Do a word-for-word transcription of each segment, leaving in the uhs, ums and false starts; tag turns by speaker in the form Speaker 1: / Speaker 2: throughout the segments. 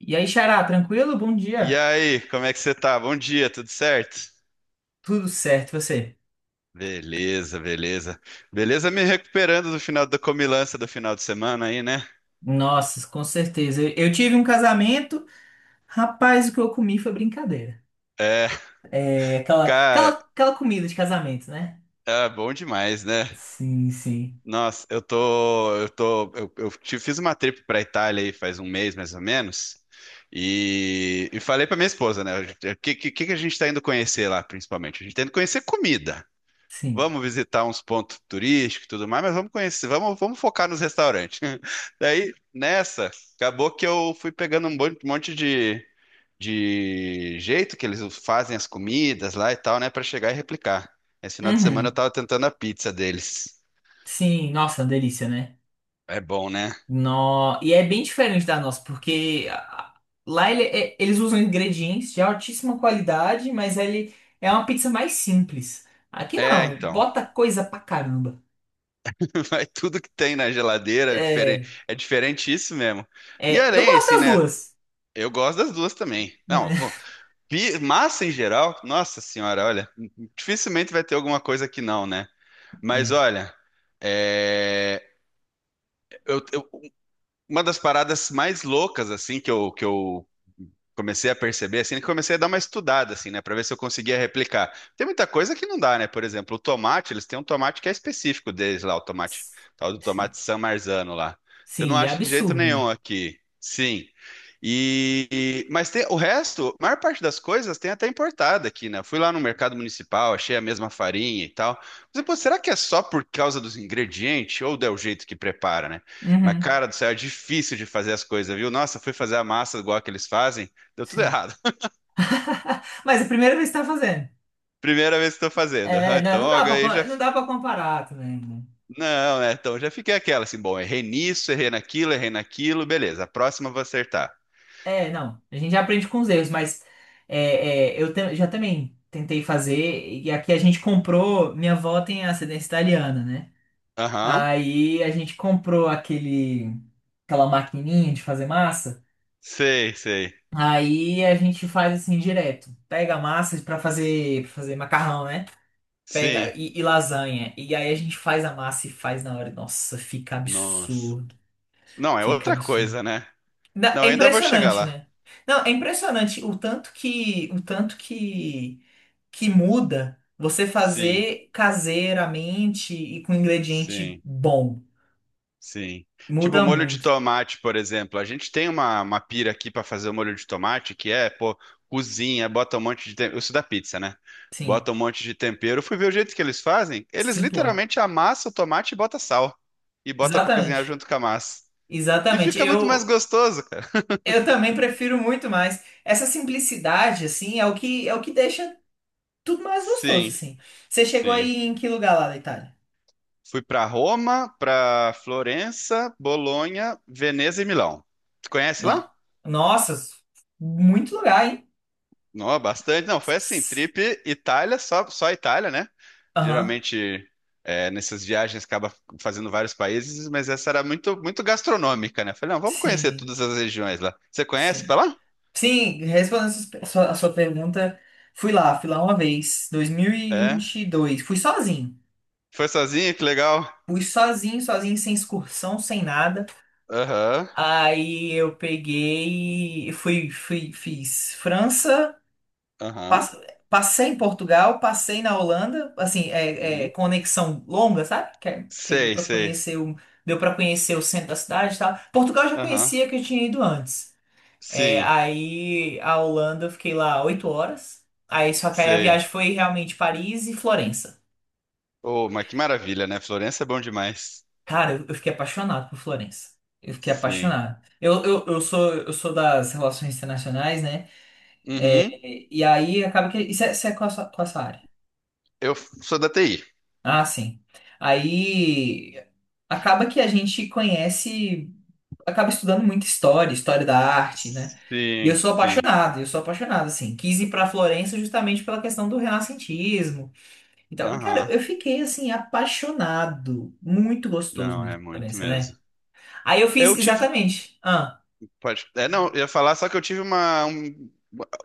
Speaker 1: E aí, Xará, tranquilo? Bom
Speaker 2: E
Speaker 1: dia.
Speaker 2: aí, como é que você tá? Bom dia, tudo certo?
Speaker 1: Tudo certo, e você?
Speaker 2: Beleza, beleza. Beleza me recuperando do final da comilança do final de semana aí, né?
Speaker 1: Nossa, com certeza. Eu, eu tive um casamento, rapaz, o que eu comi foi brincadeira.
Speaker 2: É,
Speaker 1: É aquela, aquela,
Speaker 2: cara,
Speaker 1: aquela comida de casamento, né?
Speaker 2: é bom demais, né?
Speaker 1: Sim, sim,
Speaker 2: Nossa, eu tô, eu tô, eu, eu te- fiz uma trip pra Itália aí faz um mês, mais ou menos, e, e falei pra minha esposa, né? O que, que, que a gente tá indo conhecer lá, principalmente? A gente tá indo conhecer comida.
Speaker 1: sim.
Speaker 2: Vamos visitar uns pontos turísticos e tudo mais, mas vamos conhecer, vamos, vamos focar nos restaurantes. Daí, nessa, acabou que eu fui pegando um bon- monte de, de jeito que eles fazem as comidas lá e tal, né, para chegar e replicar. Esse final de semana eu
Speaker 1: Uhum.
Speaker 2: tava tentando a pizza deles.
Speaker 1: Sim, nossa, delícia, né?
Speaker 2: É bom, né?
Speaker 1: No... E é bem diferente da nossa, porque ah, lá ele- é- eles usam ingredientes de altíssima qualidade, mas ele é uma pizza mais simples. Aqui
Speaker 2: É,
Speaker 1: não,
Speaker 2: então.
Speaker 1: bota coisa pra caramba.
Speaker 2: Vai tudo que tem na geladeira, é diferente,
Speaker 1: É,
Speaker 2: é diferente isso mesmo. E
Speaker 1: é, eu
Speaker 2: além,
Speaker 1: gosto
Speaker 2: assim,
Speaker 1: das
Speaker 2: né?
Speaker 1: duas.
Speaker 2: Eu gosto das duas também. Não,
Speaker 1: É,
Speaker 2: Pi- massa em geral, nossa senhora, olha, dificilmente vai ter alguma coisa que não, né? Mas
Speaker 1: é,
Speaker 2: olha, é, eu- eu- uma das paradas mais loucas assim que eu, que eu comecei a perceber, assim, que comecei a dar uma estudada, assim, né, para ver se eu conseguia replicar. Tem muita coisa que não dá, né? Por exemplo, o tomate, eles têm um tomate que é específico deles lá, o tomate, tal do
Speaker 1: sim.
Speaker 2: tomate San Marzano lá. Eu não
Speaker 1: Sim, e é
Speaker 2: acho de jeito
Speaker 1: absurdo,
Speaker 2: nenhum
Speaker 1: né?
Speaker 2: aqui. Sim. E e- mas tem, o resto, a maior parte das coisas tem até importada aqui, né? Fui lá no mercado municipal, achei a mesma farinha e tal. Mas, pô, será que é só por causa dos ingredientes ou é o jeito que prepara, né? Mas
Speaker 1: Uhum.
Speaker 2: cara do céu, é difícil de fazer as coisas, viu? Nossa, fui fazer a massa igual que eles fazem, deu tudo
Speaker 1: Sim.
Speaker 2: errado.
Speaker 1: Mas é a primeira vez que tá fazendo.
Speaker 2: Primeira vez que estou fazendo. Aham,
Speaker 1: É, não,
Speaker 2: então,
Speaker 1: não
Speaker 2: ó,
Speaker 1: dá pra,
Speaker 2: ganhei
Speaker 1: co-
Speaker 2: já.
Speaker 1: não dá pra comparar também, né?
Speaker 2: Não, né? Então, já fiquei aquela assim, bom, errei nisso, errei naquilo, errei naquilo, beleza. A próxima eu vou acertar.
Speaker 1: É, não. A gente já aprende com os erros, mas é, é, eu te- já também tentei fazer. E aqui a gente comprou. Minha avó tem ascendência italiana, né?
Speaker 2: Aham,
Speaker 1: Aí a gente comprou aquele, aquela maquininha de fazer massa.
Speaker 2: sei, sei.
Speaker 1: Aí a gente faz assim direto. Pega a massa pra fazer, pra fazer macarrão, né? Pega
Speaker 2: Sim,
Speaker 1: e, e lasanha. E aí a gente faz a massa e faz na hora. Nossa, fica
Speaker 2: nossa.
Speaker 1: absurdo.
Speaker 2: Não, é
Speaker 1: Fica
Speaker 2: outra
Speaker 1: absurdo.
Speaker 2: coisa, né?
Speaker 1: Na-
Speaker 2: Não, eu
Speaker 1: é
Speaker 2: ainda vou chegar
Speaker 1: impressionante,
Speaker 2: lá.
Speaker 1: né? Não, é impressionante o tanto que o tanto que que muda você
Speaker 2: Sim,
Speaker 1: fazer caseiramente e com ingrediente
Speaker 2: sim.
Speaker 1: bom.
Speaker 2: Sim. Tipo
Speaker 1: Muda
Speaker 2: molho de
Speaker 1: muito.
Speaker 2: tomate, por exemplo. A gente tem uma, uma pira aqui para fazer o molho de tomate, que é, pô, cozinha, bota um monte de tempero. Isso da pizza, né?
Speaker 1: Sim,
Speaker 2: Bota um monte de tempero. Fui ver o jeito que eles fazem. Eles
Speaker 1: simplão.
Speaker 2: literalmente amassam o tomate e bota sal. E bota para cozinhar
Speaker 1: Exatamente.
Speaker 2: junto com a massa. E
Speaker 1: Exatamente.
Speaker 2: fica muito mais
Speaker 1: Eu
Speaker 2: gostoso, cara.
Speaker 1: eu também prefiro muito mais. Essa simplicidade assim é o que é o que deixa tudo mais gostoso,
Speaker 2: Sim,
Speaker 1: assim. Você chegou
Speaker 2: sim.
Speaker 1: aí em que lugar lá da Itália?
Speaker 2: Fui para Roma, para Florença, Bolonha, Veneza e Milão. Tu conhece lá?
Speaker 1: No- Nossa, muito lugar, hein?
Speaker 2: Não, bastante. Não, foi assim,
Speaker 1: S-
Speaker 2: trip Itália, só, só Itália, né?
Speaker 1: Aham,
Speaker 2: Geralmente, é, nessas viagens, acaba fazendo vários países, mas essa era muito, muito gastronômica, né? Falei, não, vamos conhecer
Speaker 1: Sim,
Speaker 2: todas as regiões lá. Você conhece pra
Speaker 1: sim.
Speaker 2: lá?
Speaker 1: Sim, respondendo sus- a sua, a sua pergunta, fui lá, fui lá uma vez, dois mil e e
Speaker 2: É.
Speaker 1: vinte e dois. Fui sozinho.
Speaker 2: Foi sozinho? Que legal.
Speaker 1: Fui sozinho, sozinho, sem excursão, sem nada.
Speaker 2: Aham,
Speaker 1: Aí eu peguei, fui, fui, fiz França,
Speaker 2: aham.
Speaker 1: Pass- Passei em Portugal, passei na Holanda, assim, é, é,
Speaker 2: Uhum.
Speaker 1: conexão longa, sabe? Que, é- que deu
Speaker 2: Sei,
Speaker 1: para
Speaker 2: sei.
Speaker 1: conhecer o, deu para conhecer o centro da cidade e tal. Portugal eu já
Speaker 2: Aham.
Speaker 1: conhecia que eu tinha ido antes. É,
Speaker 2: Sim,
Speaker 1: aí a Holanda eu fiquei lá oito horas. Aí só que aí a
Speaker 2: sei.
Speaker 1: viagem foi realmente Paris e Florença.
Speaker 2: Oh, mas que maravilha, né? Florença é bom demais.
Speaker 1: Cara, eu, eu fiquei apaixonado por Florença. Eu fiquei
Speaker 2: Sim.
Speaker 1: apaixonado. Eu, eu, eu sou eu sou das relações internacionais, né?
Speaker 2: Uhum.
Speaker 1: E, e aí acaba que isso é, isso é Qual a sua, qual a sua área?
Speaker 2: Eu sou da T I.
Speaker 1: Ah, sim. Aí acaba que a gente conhece, acaba estudando muita história, história da arte, né? E eu
Speaker 2: Sim,
Speaker 1: sou
Speaker 2: sim.
Speaker 1: apaixonado, eu sou apaixonado, assim. Quis ir pra Florença justamente pela questão do renascentismo e tal. Cara,
Speaker 2: Aham.
Speaker 1: eu fiquei, assim, apaixonado. Muito gostoso
Speaker 2: Não, é
Speaker 1: mesmo,
Speaker 2: muito
Speaker 1: Florença, né?
Speaker 2: mesmo.
Speaker 1: Aí eu fiz
Speaker 2: Eu tive.
Speaker 1: exatamente. Ah,
Speaker 2: Pode. É, não, eu ia falar só que eu tive uma, um-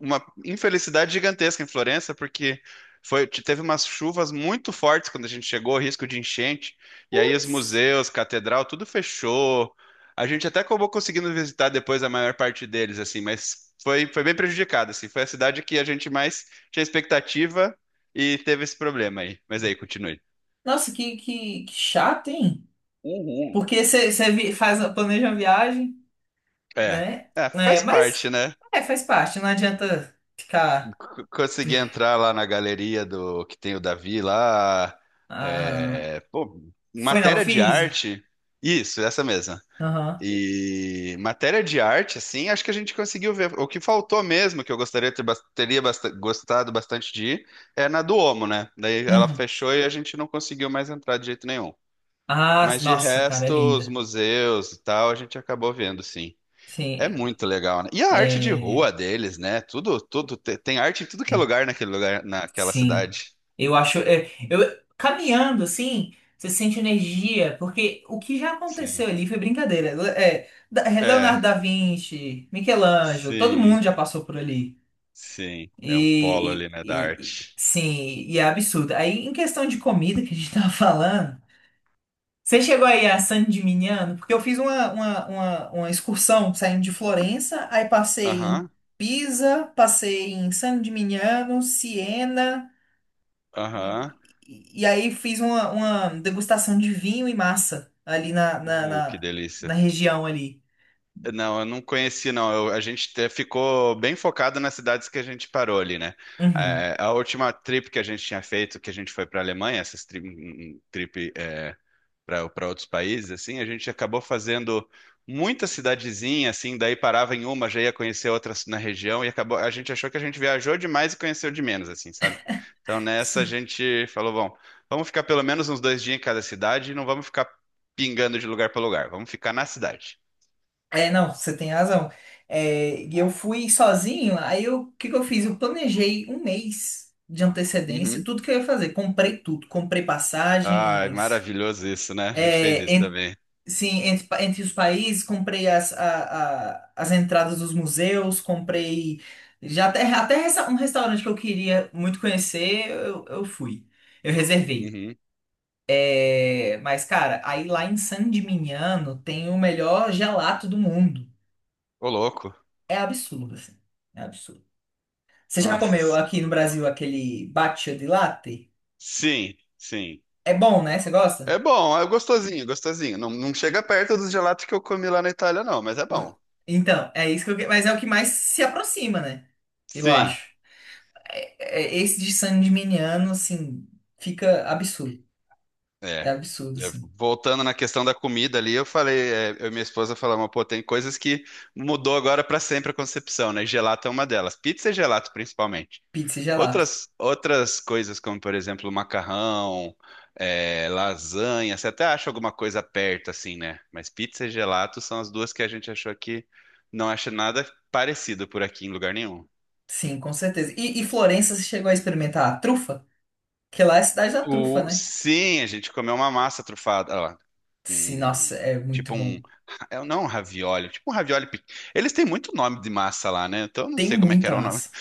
Speaker 2: uma infelicidade gigantesca em Florença, porque foi, teve umas chuvas muito fortes quando a gente chegou, risco de enchente. E aí os museus, catedral, tudo fechou. A gente até acabou conseguindo visitar depois a maior parte deles, assim, mas foi, foi bem prejudicado, assim. Foi a cidade que a gente mais tinha expectativa e teve esse problema aí. Mas aí, continue.
Speaker 1: Nossa, que, que, que chato, hein?
Speaker 2: Uhum.
Speaker 1: Porque você faz, planeja uma viagem,
Speaker 2: É.
Speaker 1: né?
Speaker 2: É,
Speaker 1: É,
Speaker 2: faz parte,
Speaker 1: mas
Speaker 2: né?
Speaker 1: é, faz parte, não adianta ficar.
Speaker 2: C- Consegui entrar lá na galeria do que tem o Davi lá.
Speaker 1: Aham.
Speaker 2: É, pô,
Speaker 1: Foi na
Speaker 2: matéria de
Speaker 1: Uffizi?
Speaker 2: arte. Isso, essa mesma.
Speaker 1: Aham.
Speaker 2: E matéria de arte, assim, acho que a gente conseguiu ver. O que faltou mesmo, que eu gostaria de ter, bas- teria basta- gostado bastante de ir, é na do Omo, né? Daí ela
Speaker 1: Uhum.
Speaker 2: fechou e a gente não conseguiu mais entrar de jeito nenhum.
Speaker 1: Ah,
Speaker 2: Mas de
Speaker 1: nossa, cara, é
Speaker 2: resto, os
Speaker 1: linda.
Speaker 2: museus e tal, a gente acabou vendo, sim. É
Speaker 1: Sim,
Speaker 2: muito legal, né? E a arte de
Speaker 1: é...
Speaker 2: rua deles, né? Tudo, tudo te- tem arte em tudo que é lugar naquele lugar, naquela
Speaker 1: Sim.
Speaker 2: cidade.
Speaker 1: Eu acho... é, eu... Caminhando, assim, você sente energia, porque o que já
Speaker 2: Sim.
Speaker 1: aconteceu ali foi brincadeira. Le- É, da- Leonardo
Speaker 2: É,
Speaker 1: da Vinci, Michelangelo, todo
Speaker 2: sim,
Speaker 1: mundo já passou por ali.
Speaker 2: sim. É um polo
Speaker 1: E...
Speaker 2: ali, né,
Speaker 1: e-
Speaker 2: da
Speaker 1: e- e-
Speaker 2: arte.
Speaker 1: Sim, e é absurdo. Aí, em questão de comida que a gente tava falando... Você chegou aí a San Gimignano? Porque eu fiz uma, uma, uma, uma excursão saindo de Florença, aí passei em
Speaker 2: Aham,
Speaker 1: Pisa, passei em San Gimignano, Siena,
Speaker 2: aham.
Speaker 1: e, e e aí fiz uma, uma degustação de vinho e massa ali na, na,
Speaker 2: Uh, que
Speaker 1: na, na
Speaker 2: delícia.
Speaker 1: região ali.
Speaker 2: Não, eu não conheci, não. Eu- a gente te- ficou bem focado nas cidades que a gente parou ali, né?
Speaker 1: Uhum.
Speaker 2: É, a última trip que a gente tinha feito, que a gente foi para a Alemanha, essas tri- um, um, um trip, é, para para outros países, assim, a gente acabou fazendo muita cidadezinha, assim, daí parava em uma, já ia conhecer outras na região e acabou, a gente achou que a gente viajou demais e conheceu de menos, assim, sabe? Então nessa a
Speaker 1: Sim.
Speaker 2: gente falou, bom, vamos ficar pelo menos uns dois dias em cada cidade e não vamos ficar pingando de lugar para lugar, vamos ficar na cidade.
Speaker 1: É, não, você tem razão. É, e eu fui sozinho, aí eu, o que que eu fiz? Eu planejei um mês de antecedência,
Speaker 2: Uhum.
Speaker 1: tudo que eu ia fazer. Comprei tudo, comprei
Speaker 2: Ai,
Speaker 1: passagens.
Speaker 2: maravilhoso isso, né? A gente fez
Speaker 1: É,
Speaker 2: isso
Speaker 1: en-
Speaker 2: também.
Speaker 1: sim, Entre, pa- entre os países, comprei as, a- a- as entradas dos museus, comprei já até, até resta- um restaurante que eu queria muito conhecer, eu, eu fui. Eu reservei.
Speaker 2: Uhum.
Speaker 1: É, mas, cara, aí lá em San Dimignano tem o melhor gelato do mundo.
Speaker 2: Ô, louco.
Speaker 1: É absurdo, assim. É absurdo. Você já
Speaker 2: Nossa.
Speaker 1: comeu aqui no Brasil aquele batida de latte?
Speaker 2: Sim, sim.
Speaker 1: É bom, né? Você gosta?
Speaker 2: É bom, é gostosinho, gostosinho. Não, não chega perto dos gelatos que eu comi lá na Itália, não, mas é
Speaker 1: N-
Speaker 2: bom.
Speaker 1: Então, é isso que eu... que- mas é o que mais se aproxima, né? Eu
Speaker 2: Sim,
Speaker 1: acho. É, esse de San Gimignano, assim, fica absurdo. É
Speaker 2: é.
Speaker 1: absurdo,
Speaker 2: É,
Speaker 1: assim.
Speaker 2: voltando na questão da comida ali, eu falei, é, eu e minha esposa falamos, pô, tem coisas que mudou agora para sempre a concepção, né? Gelato é uma delas. Pizza e gelato, principalmente.
Speaker 1: Pizza e gelato.
Speaker 2: Outras, outras coisas, como por exemplo, macarrão, é, lasanha, você até acha alguma coisa perto, assim, né? Mas pizza e gelato são as duas que a gente achou que não acha nada parecido por aqui em lugar nenhum.
Speaker 1: Sim, com certeza. E, e Florença, você chegou a experimentar a trufa? Que lá é a cidade da trufa,
Speaker 2: O,
Speaker 1: né?
Speaker 2: sim, a gente comeu uma massa trufada, ó,
Speaker 1: Sim,
Speaker 2: um-
Speaker 1: nossa, é muito
Speaker 2: tipo um,
Speaker 1: bom.
Speaker 2: é, não um ravioli, tipo um ravioli. pe- Eles têm muito nome de massa lá, né? Então eu não
Speaker 1: Tem
Speaker 2: sei como é que
Speaker 1: muita
Speaker 2: era o nome.
Speaker 1: massa.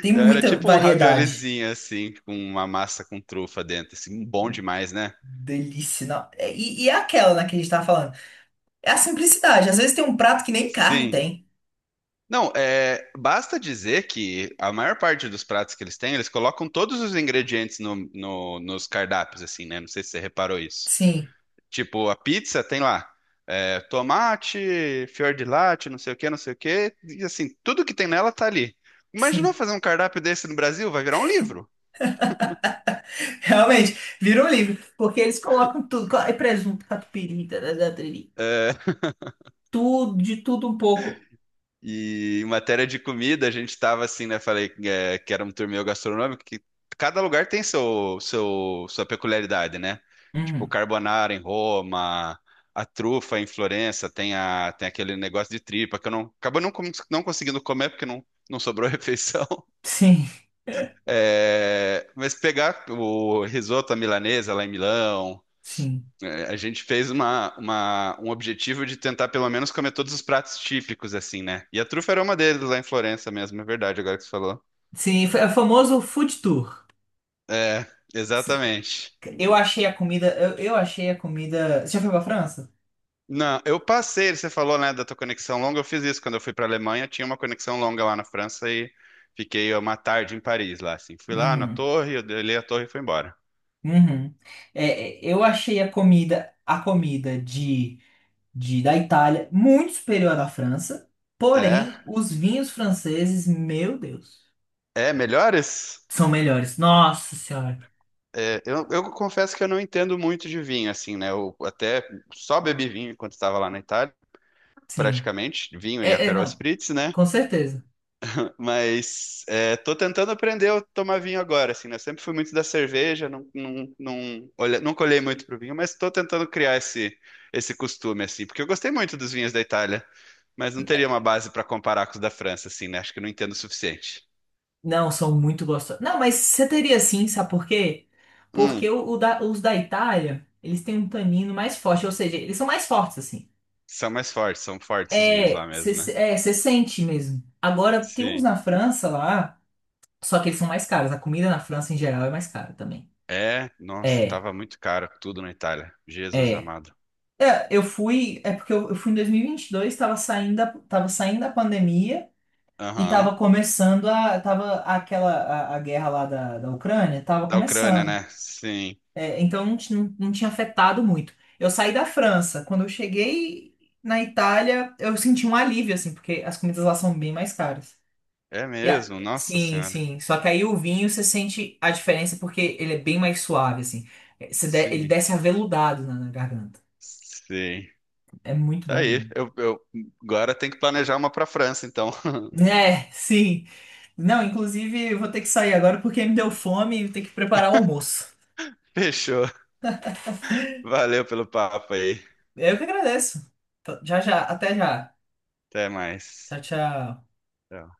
Speaker 1: Tem
Speaker 2: Era
Speaker 1: muita
Speaker 2: tipo um
Speaker 1: variedade.
Speaker 2: raviolizinho assim, com uma massa com trufa dentro, assim, bom demais, né?
Speaker 1: Delícia. Não. É, E, e é aquela, né, que a gente tava falando. É a simplicidade. Às vezes tem um prato que nem carne
Speaker 2: Sim.
Speaker 1: tem.
Speaker 2: Não, é, basta dizer que a maior parte dos pratos que eles têm, eles colocam todos os ingredientes no, no- nos cardápios, assim, né? Não sei se você reparou isso.
Speaker 1: Sim,
Speaker 2: Tipo, a pizza tem lá é, tomate, fior de latte, não sei o que, não sei o que. E assim, tudo que tem nela tá ali. Imaginou
Speaker 1: sim.
Speaker 2: fazer um cardápio desse no Brasil? Vai virar um livro.
Speaker 1: Realmente, vira um livro. Porque eles colocam tudo. co- É presunto, catupiry, tarará, tariri,
Speaker 2: É,
Speaker 1: tudo, de tudo um pouco.
Speaker 2: e em matéria de comida, a gente tava assim, né? Falei é, que era um torneio gastronômico, que cada lugar tem seu, seu, sua peculiaridade, né? Tipo, o
Speaker 1: Uhum.
Speaker 2: carbonara em Roma, a trufa em Florença, tem, a, tem aquele negócio de tripa que eu não, acabo não, com- não conseguindo comer porque não, não sobrou refeição.
Speaker 1: Sim,
Speaker 2: É, mas pegar o risoto à milanesa lá em Milão,
Speaker 1: sim.
Speaker 2: é, a gente fez uma, uma- um objetivo de tentar pelo menos comer todos os pratos típicos, assim, né? E a trufa era uma deles lá em Florença mesmo, é verdade, agora que você falou.
Speaker 1: Sim, foi- é o famoso food tour.
Speaker 2: É, exatamente.
Speaker 1: Eu achei a comida. Eu, eu achei a comida. Você já foi pra França?
Speaker 2: Não, eu passei, você falou, né, da tua conexão longa, eu fiz isso quando eu fui para Alemanha, tinha uma conexão longa lá na França e fiquei uma tarde em Paris lá, assim. Fui lá na
Speaker 1: Uhum.
Speaker 2: torre, eu olhei a torre e fui embora.
Speaker 1: Uhum. É, é, eu achei a comida, a comida de, de da Itália muito superior à da França.
Speaker 2: É,
Speaker 1: Porém, os vinhos franceses, meu Deus,
Speaker 2: é, melhores?
Speaker 1: são melhores. Nossa Senhora.
Speaker 2: É, eu, eu confesso que eu não entendo muito de vinho, assim, né? Eu até só bebi vinho enquanto estava lá na Itália,
Speaker 1: Sim.
Speaker 2: praticamente, vinho e
Speaker 1: É, é,
Speaker 2: Aperol
Speaker 1: não,
Speaker 2: Spritz, né?
Speaker 1: com certeza.
Speaker 2: Mas é, tô tentando aprender a tomar vinho agora, assim, né? Eu sempre fui muito da cerveja, não, não, não, olha, nunca olhei muito pro vinho, mas tô tentando criar esse, esse costume, assim, porque eu gostei muito dos vinhos da Itália, mas não teria uma base para comparar com os da França, assim, né? Acho que eu não entendo o suficiente.
Speaker 1: Não, são muito gostosos. Não, mas você teria sim, sabe por quê? Porque
Speaker 2: Hum,
Speaker 1: o, o da- os da Itália, eles têm um tanino mais forte, ou seja, eles são mais fortes, assim.
Speaker 2: são mais fortes, são fortes os vinhos lá
Speaker 1: É, você
Speaker 2: mesmo,
Speaker 1: se-
Speaker 2: né?
Speaker 1: É, você sente mesmo. Agora, tem uns
Speaker 2: Sim.
Speaker 1: na França lá, só que eles são mais caros. A comida na França, em geral, é mais cara também.
Speaker 2: É, nossa,
Speaker 1: É,
Speaker 2: tava muito caro tudo na Itália. Jesus
Speaker 1: é.
Speaker 2: amado.
Speaker 1: É, eu fui, é porque eu, eu fui em dois mil e vinte e dois, tava saindo, da- tava saindo da pandemia e
Speaker 2: Aham.
Speaker 1: tava começando a, tava aquela, a, a guerra lá da, da Ucrânia, tava
Speaker 2: Da Ucrânia,
Speaker 1: começando.
Speaker 2: né? Sim.
Speaker 1: É, então não, ti- não, não tinha afetado muito. Eu saí da França. Quando eu cheguei na Itália, eu senti um alívio, assim, porque as comidas lá são bem mais caras.
Speaker 2: É
Speaker 1: E a-
Speaker 2: mesmo, nossa
Speaker 1: sim,
Speaker 2: senhora.
Speaker 1: sim. Só que aí o vinho você sente a diferença porque ele é bem mais suave, assim. É, você de- ele
Speaker 2: Sim,
Speaker 1: desce aveludado na, na garganta.
Speaker 2: sim.
Speaker 1: É muito
Speaker 2: Tá aí.
Speaker 1: bom.
Speaker 2: Eu, eu agora tem que planejar uma pra França, então.
Speaker 1: É, sim. Não, inclusive eu vou ter que sair agora porque me deu fome e eu tenho que preparar o almoço.
Speaker 2: Fechou. Valeu pelo papo aí.
Speaker 1: Eu que agradeço. Tá, Já, já. Até já.
Speaker 2: Até mais.
Speaker 1: Tchau, tchau.
Speaker 2: Tchau.